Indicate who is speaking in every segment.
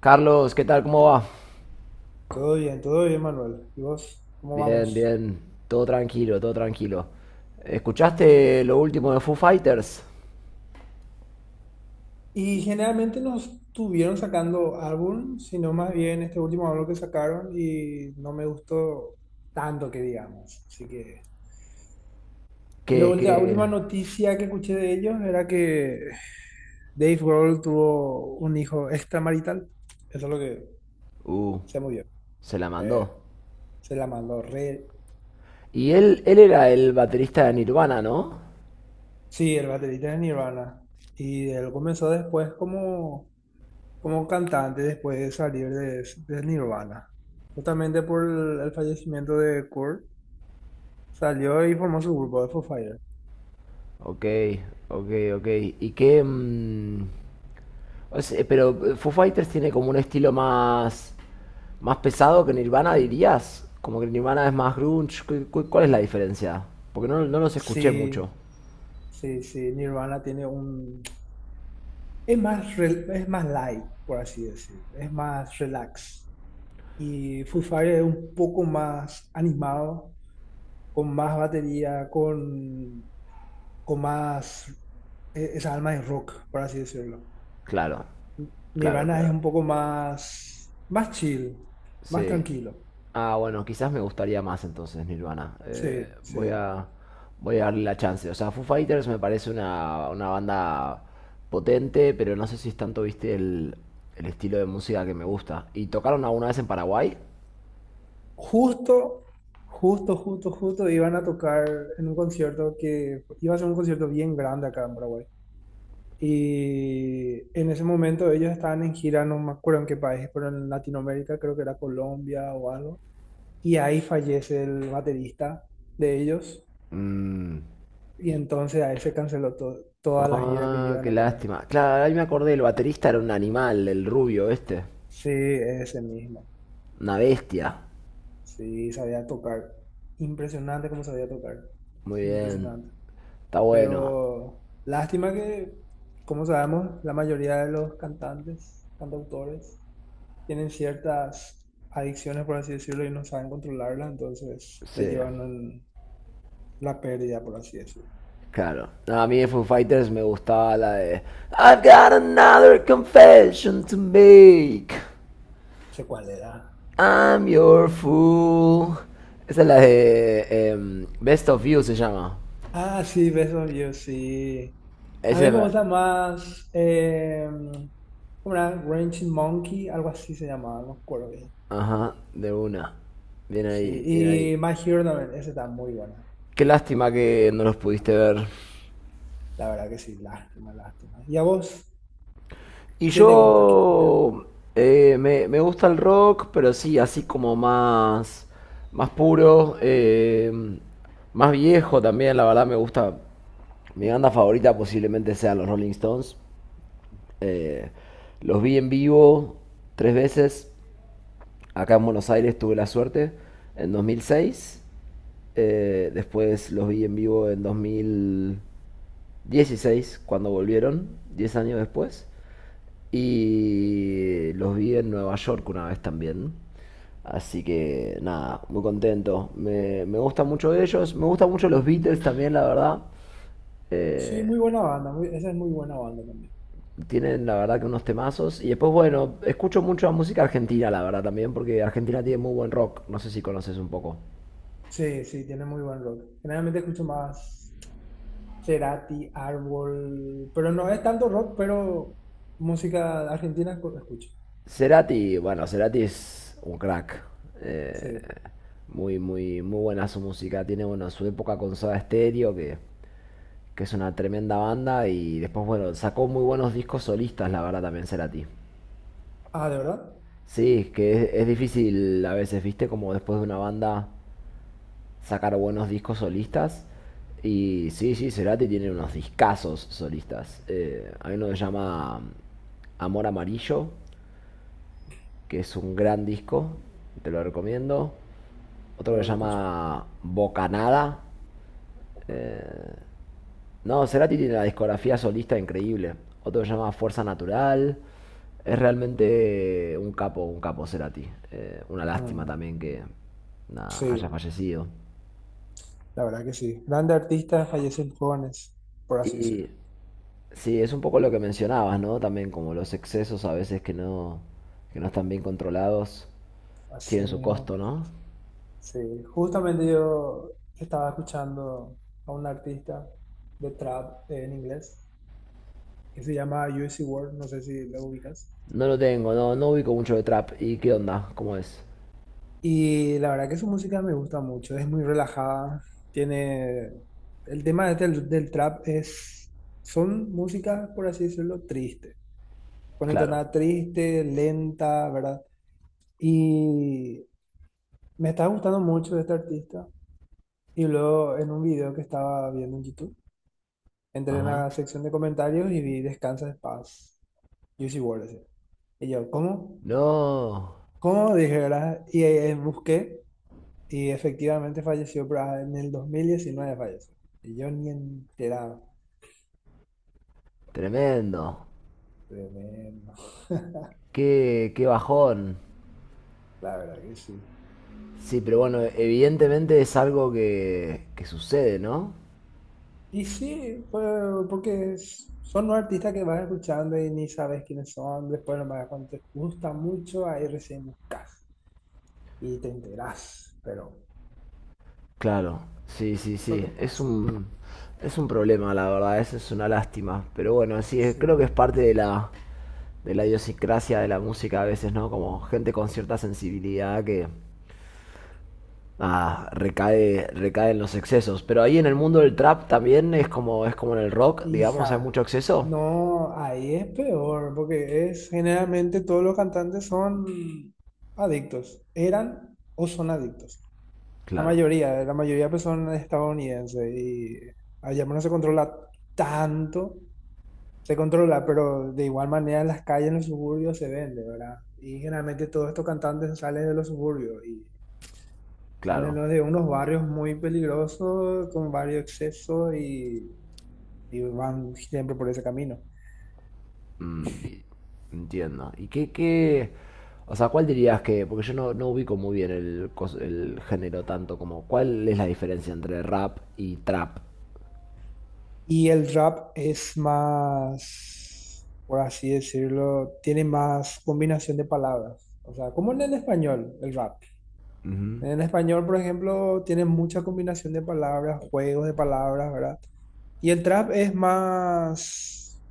Speaker 1: Carlos, ¿qué tal? ¿Cómo va?
Speaker 2: Todo bien, Manuel. ¿Y vos, cómo vamos?
Speaker 1: Bien. Todo tranquilo. ¿Escuchaste lo último de Foo Fighters?
Speaker 2: Y generalmente no estuvieron sacando álbum, sino más bien este último álbum que sacaron y no me gustó tanto que digamos. Así que. Y
Speaker 1: Que, que...
Speaker 2: la última noticia que escuché de ellos era que Dave Grohl tuvo un hijo extramarital. Eso es lo que
Speaker 1: Uh,
Speaker 2: se murió.
Speaker 1: Se la
Speaker 2: Eh,
Speaker 1: mandó.
Speaker 2: Se la mandó re.
Speaker 1: Y él era el baterista de Nirvana, ¿no?
Speaker 2: Sí, el baterista de Nirvana. Y él comenzó después como cantante después de salir de Nirvana. Justamente por el fallecimiento de Kurt, salió y formó su grupo de Foo Fighters.
Speaker 1: Ok, ok, ok. ¿Y qué... o sea, pero Foo Fighters tiene como un estilo más... Más pesado que Nirvana, dirías. Como que Nirvana es más grunge. ¿Cuál es la diferencia? Porque no los escuché
Speaker 2: Sí,
Speaker 1: mucho.
Speaker 2: sí, sí, Nirvana tiene un. Es más light, por así decir. Es más relax. Y Foo Fighters es un poco más animado, con más batería, con más. Esa alma de rock, por así decirlo.
Speaker 1: Claro,
Speaker 2: Nirvana es
Speaker 1: claro.
Speaker 2: un poco más, más chill, más
Speaker 1: Sí.
Speaker 2: tranquilo.
Speaker 1: Ah, bueno, quizás me gustaría más entonces Nirvana.
Speaker 2: Sí, sí.
Speaker 1: Voy a darle la chance. O sea, Foo Fighters me parece una banda potente, pero no sé si es tanto, viste, el estilo de música que me gusta. ¿Y tocaron alguna vez en Paraguay?
Speaker 2: Justo, justo, justo, justo iban a tocar en un concierto que iba a ser un concierto bien grande acá en Paraguay. Y en ese momento ellos estaban en gira, no me acuerdo en qué país, pero en Latinoamérica, creo que era Colombia o algo. Y ahí fallece el baterista de ellos.
Speaker 1: Mm.
Speaker 2: Y entonces ahí se canceló toda la gira que
Speaker 1: Ah,
Speaker 2: iban
Speaker 1: qué
Speaker 2: a tener.
Speaker 1: lástima. Claro, ahí me acordé, el baterista era un animal, el rubio este.
Speaker 2: Sí, ese mismo.
Speaker 1: Una bestia.
Speaker 2: Sí, sabía tocar. Impresionante cómo sabía tocar.
Speaker 1: Muy bien.
Speaker 2: Impresionante.
Speaker 1: Está bueno.
Speaker 2: Pero lástima que, como sabemos, la mayoría de los cantantes, cantautores, tienen ciertas adicciones, por así decirlo, y no saben controlarlas, entonces le
Speaker 1: Sí.
Speaker 2: llevan en la pérdida, por así decirlo.
Speaker 1: Claro. No, a mí de Foo Fighters me gustaba la de "I've got another confession to make.
Speaker 2: No sé cuál era.
Speaker 1: I'm your fool." Esa es la de Best of You se llama.
Speaker 2: Ah, sí, besos yo sí. A
Speaker 1: Ese
Speaker 2: mí me
Speaker 1: me-
Speaker 2: gusta más. ¿Cómo era? Ranching Monkey, algo así se llamaba, no me acuerdo bien.
Speaker 1: Ajá, de una. Bien
Speaker 2: Sí,
Speaker 1: ahí.
Speaker 2: y My Hero también, esa está muy buena.
Speaker 1: Qué lástima que no los pudiste ver.
Speaker 2: La verdad que sí, lástima, lástima. ¿Y a vos?
Speaker 1: Y
Speaker 2: ¿Qué te gusta? ¿Qué género?
Speaker 1: yo me gusta el rock, pero sí, así como más, más puro, más viejo también, la verdad me gusta. Mi banda favorita posiblemente sean los Rolling Stones. Eh, los vi en vivo tres veces. Acá en Buenos Aires tuve la suerte en 2006. Después los vi en vivo en 2016 cuando volvieron, 10 años después. Y los vi en Nueva York una vez también. Así que nada, muy contento. Me gusta mucho ellos. Me gustan mucho los Beatles también, la verdad.
Speaker 2: Sí,
Speaker 1: Eh,
Speaker 2: muy buena banda. Esa es muy buena banda también.
Speaker 1: Tienen la verdad que unos temazos. Y después, bueno, escucho mucho la música argentina, la verdad también, porque Argentina tiene
Speaker 2: Mm.
Speaker 1: muy buen rock. No sé si conoces un poco.
Speaker 2: Sí, sí, tiene muy buen rock. Generalmente escucho más Cerati, Árbol, pero no es tanto rock, pero música argentina escucho.
Speaker 1: Cerati, bueno, Cerati es un crack. Eh,
Speaker 2: Sí.
Speaker 1: muy, muy, muy buena su música. Tiene, bueno, su época con Soda Stereo, que es una tremenda banda. Y después, bueno, sacó muy buenos discos solistas, la verdad también, Cerati.
Speaker 2: Ah, ¿de verdad?
Speaker 1: Sí, es difícil a veces, viste, como después de una banda sacar buenos discos solistas. Y sí, Cerati tiene unos discazos solistas. Hay uno que se llama Amor Amarillo, que es un gran disco, te lo
Speaker 2: Ah,
Speaker 1: recomiendo. Otro
Speaker 2: la
Speaker 1: que se
Speaker 2: voy a escuchar.
Speaker 1: llama Bocanada.
Speaker 2: Ok.
Speaker 1: No, Cerati tiene la discografía solista increíble. Otro que se llama Fuerza Natural. Es realmente un capo Cerati. Una lástima
Speaker 2: Mm,
Speaker 1: también que nada, haya
Speaker 2: sí,
Speaker 1: fallecido.
Speaker 2: la verdad que sí. Grandes artistas fallecen jóvenes, por así decirlo.
Speaker 1: Y sí, es un poco lo que mencionabas, ¿no? También como los excesos a veces que no están bien controlados,
Speaker 2: Así
Speaker 1: tienen su
Speaker 2: mismo.
Speaker 1: costo, ¿no?
Speaker 2: Sí, justamente yo estaba escuchando a un artista de trap en inglés que se llama USC World, no sé si lo ubicas.
Speaker 1: No lo tengo, no ubico mucho de trap. ¿Y qué onda? ¿Cómo es?
Speaker 2: Y la verdad que su música me gusta mucho, es muy relajada, tiene. El tema este del trap es. Son músicas, por así decirlo, tristes, con
Speaker 1: Claro.
Speaker 2: entonada triste, lenta, ¿verdad? Y me está gustando mucho este artista. Y luego en un video que estaba viendo en YouTube, entré en
Speaker 1: Ajá.
Speaker 2: la sección de comentarios y vi Descansa de Paz, USC World. Y yo, ¿cómo?
Speaker 1: No,
Speaker 2: ¿Cómo? Dije, ¿verdad? Y busqué. Y efectivamente falleció, pero en el 2019 falleció. Y yo ni enterado.
Speaker 1: tremendo.
Speaker 2: Tremendo.
Speaker 1: Qué bajón.
Speaker 2: La verdad que sí.
Speaker 1: Sí, pero bueno, evidentemente es algo que sucede, ¿no?
Speaker 2: Y sí, pues, porque son los artistas que vas escuchando y ni sabes quiénes son. Después, nomás cuando te gusta mucho, ahí recién buscas y te enterás. Pero
Speaker 1: Claro.
Speaker 2: lo
Speaker 1: Sí.
Speaker 2: que
Speaker 1: Es
Speaker 2: pasa.
Speaker 1: es un problema, la verdad. Es una lástima. Pero bueno, sí, es- creo que
Speaker 2: Sí.
Speaker 1: es parte de de la idiosincrasia de la música a veces, ¿no? Como gente con cierta sensibilidad que ah, recae en los excesos. Pero ahí en el mundo del trap también es como en el rock, digamos, hay
Speaker 2: Hija,
Speaker 1: mucho exceso.
Speaker 2: no, ahí es peor, porque es generalmente todos los cantantes son adictos. Eran o son adictos.
Speaker 1: Claro,
Speaker 2: La mayoría pues son estadounidenses y allá no se controla tanto, se controla, pero de igual manera en las calles, en los suburbios se vende, ¿verdad? Y generalmente todos estos cantantes salen de los suburbios y salen
Speaker 1: claro,
Speaker 2: los de unos barrios muy peligrosos, con varios excesos y van siempre por ese camino.
Speaker 1: entiendo. ¿Y o sea, cuál dirías que, porque yo no ubico muy bien el, cos- el género tanto como, ¿cuál es la diferencia entre rap y trap?
Speaker 2: Y el rap es más, por así decirlo, tiene más combinación de palabras. O sea, como en el español, el rap.
Speaker 1: Ujú.
Speaker 2: En español, por ejemplo, tiene mucha combinación de palabras, juegos de palabras, ¿verdad? Y el trap es más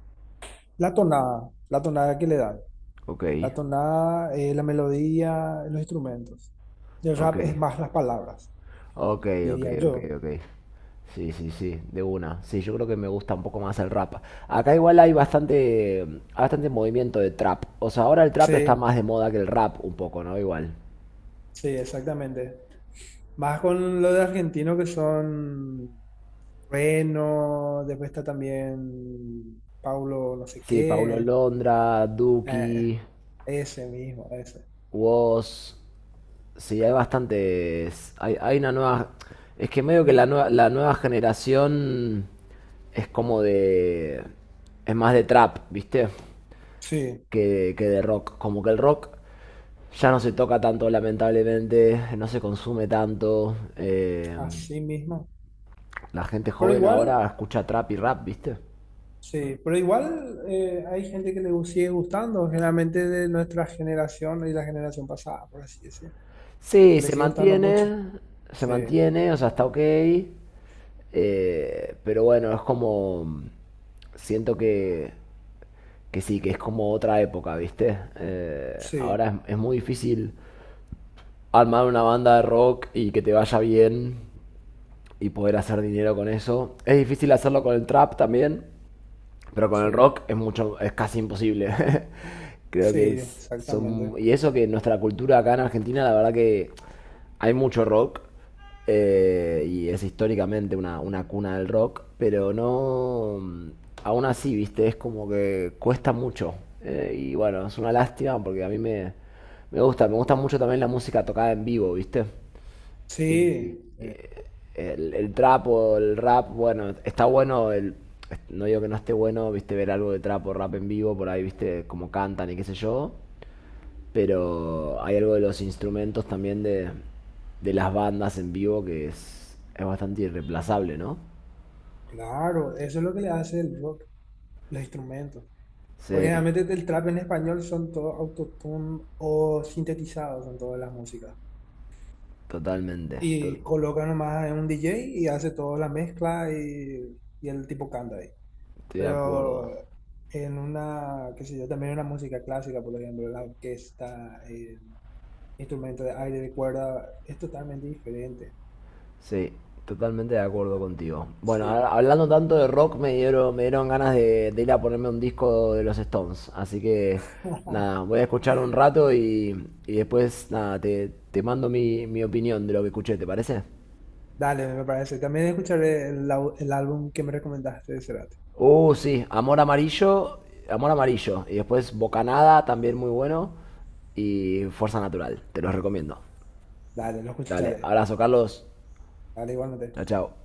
Speaker 2: la tonada que le dan.
Speaker 1: Ok,
Speaker 2: La tonada, la melodía, los instrumentos. Y el
Speaker 1: ok.
Speaker 2: rap es más las palabras,
Speaker 1: Ok,
Speaker 2: diría yo.
Speaker 1: ok. Sí, de una. Sí, yo creo que me gusta un poco más el rap. Acá igual hay bastante movimiento de trap. O sea, ahora el trap está
Speaker 2: Sí,
Speaker 1: más de moda que el rap un poco, ¿no? Igual.
Speaker 2: sí, exactamente. Más con lo de argentino que son Reno, después está también Paulo no sé
Speaker 1: Sí, Paulo
Speaker 2: qué.
Speaker 1: Londra,
Speaker 2: eh,
Speaker 1: Duki,
Speaker 2: ese mismo, ese.
Speaker 1: Woz. Sí, hay bastantes. Hay una nueva. Es que medio que la nueva generación es como de. Es más de trap, ¿viste?
Speaker 2: Sí,
Speaker 1: Que de rock. Como que el rock. Ya no se toca tanto, lamentablemente, no se consume tanto.
Speaker 2: así mismo.
Speaker 1: La gente
Speaker 2: Pero
Speaker 1: joven ahora
Speaker 2: igual,
Speaker 1: escucha trap y rap, ¿viste?
Speaker 2: sí, pero igual hay gente que le sigue gustando, generalmente de nuestra generación y la generación pasada, por así decir,
Speaker 1: Sí,
Speaker 2: que le sigue gustando mucho.
Speaker 1: se
Speaker 2: Sí,
Speaker 1: mantiene, o sea, está ok. Pero bueno, es como... Siento que sí, que es como otra época, ¿viste?
Speaker 2: sí,
Speaker 1: Es muy difícil armar una banda de rock y que te vaya bien y poder hacer dinero con eso. Es difícil hacerlo con el trap también. Pero con el
Speaker 2: sí,
Speaker 1: rock es mucho, es casi imposible. Creo
Speaker 2: sí,
Speaker 1: que es, son,
Speaker 2: exactamente.
Speaker 1: y eso que nuestra cultura acá en Argentina, la verdad que hay mucho rock, y es históricamente una cuna del rock, pero no, aún así, viste, es como que cuesta mucho. Y bueno, es una lástima porque a me gusta mucho también la música tocada en vivo, viste. Y
Speaker 2: Sí,
Speaker 1: el trap o el rap, bueno, está bueno, el, no digo que no esté bueno, viste, ver algo de trap o rap en vivo, por ahí, viste, cómo cantan y qué sé yo, pero hay algo de los instrumentos también de las bandas en vivo que es bastante irreemplazable, ¿no?
Speaker 2: claro, eso es lo que le hace el rock, los instrumentos. Porque
Speaker 1: Sí,
Speaker 2: generalmente el trap en español son todos autotune o sintetizados en todas las músicas.
Speaker 1: totalmente, to-
Speaker 2: Y colocan nomás en un DJ y hace toda la mezcla y el tipo canta.
Speaker 1: estoy de acuerdo.
Speaker 2: Pero en una, qué sé yo, también una música clásica, por ejemplo, la orquesta, el instrumento de aire de cuerda, es totalmente diferente.
Speaker 1: Sí, totalmente de acuerdo contigo. Bueno, a-
Speaker 2: Sí.
Speaker 1: hablando tanto de rock, me dieron ganas de ir a ponerme un disco de los Stones. Así que, nada, voy a escuchar un rato y después, nada, te mando mi opinión de lo que escuché, ¿te parece?
Speaker 2: Dale, me parece. También escucharé el álbum que me recomendaste de Cerati.
Speaker 1: Sí, Amor Amarillo. Y después Bocanada, también muy bueno. Y Fuerza Natural, te los recomiendo.
Speaker 2: Dale, lo
Speaker 1: Dale,
Speaker 2: escucharé.
Speaker 1: abrazo, Carlos.
Speaker 2: Dale, igualmente.
Speaker 1: Chao.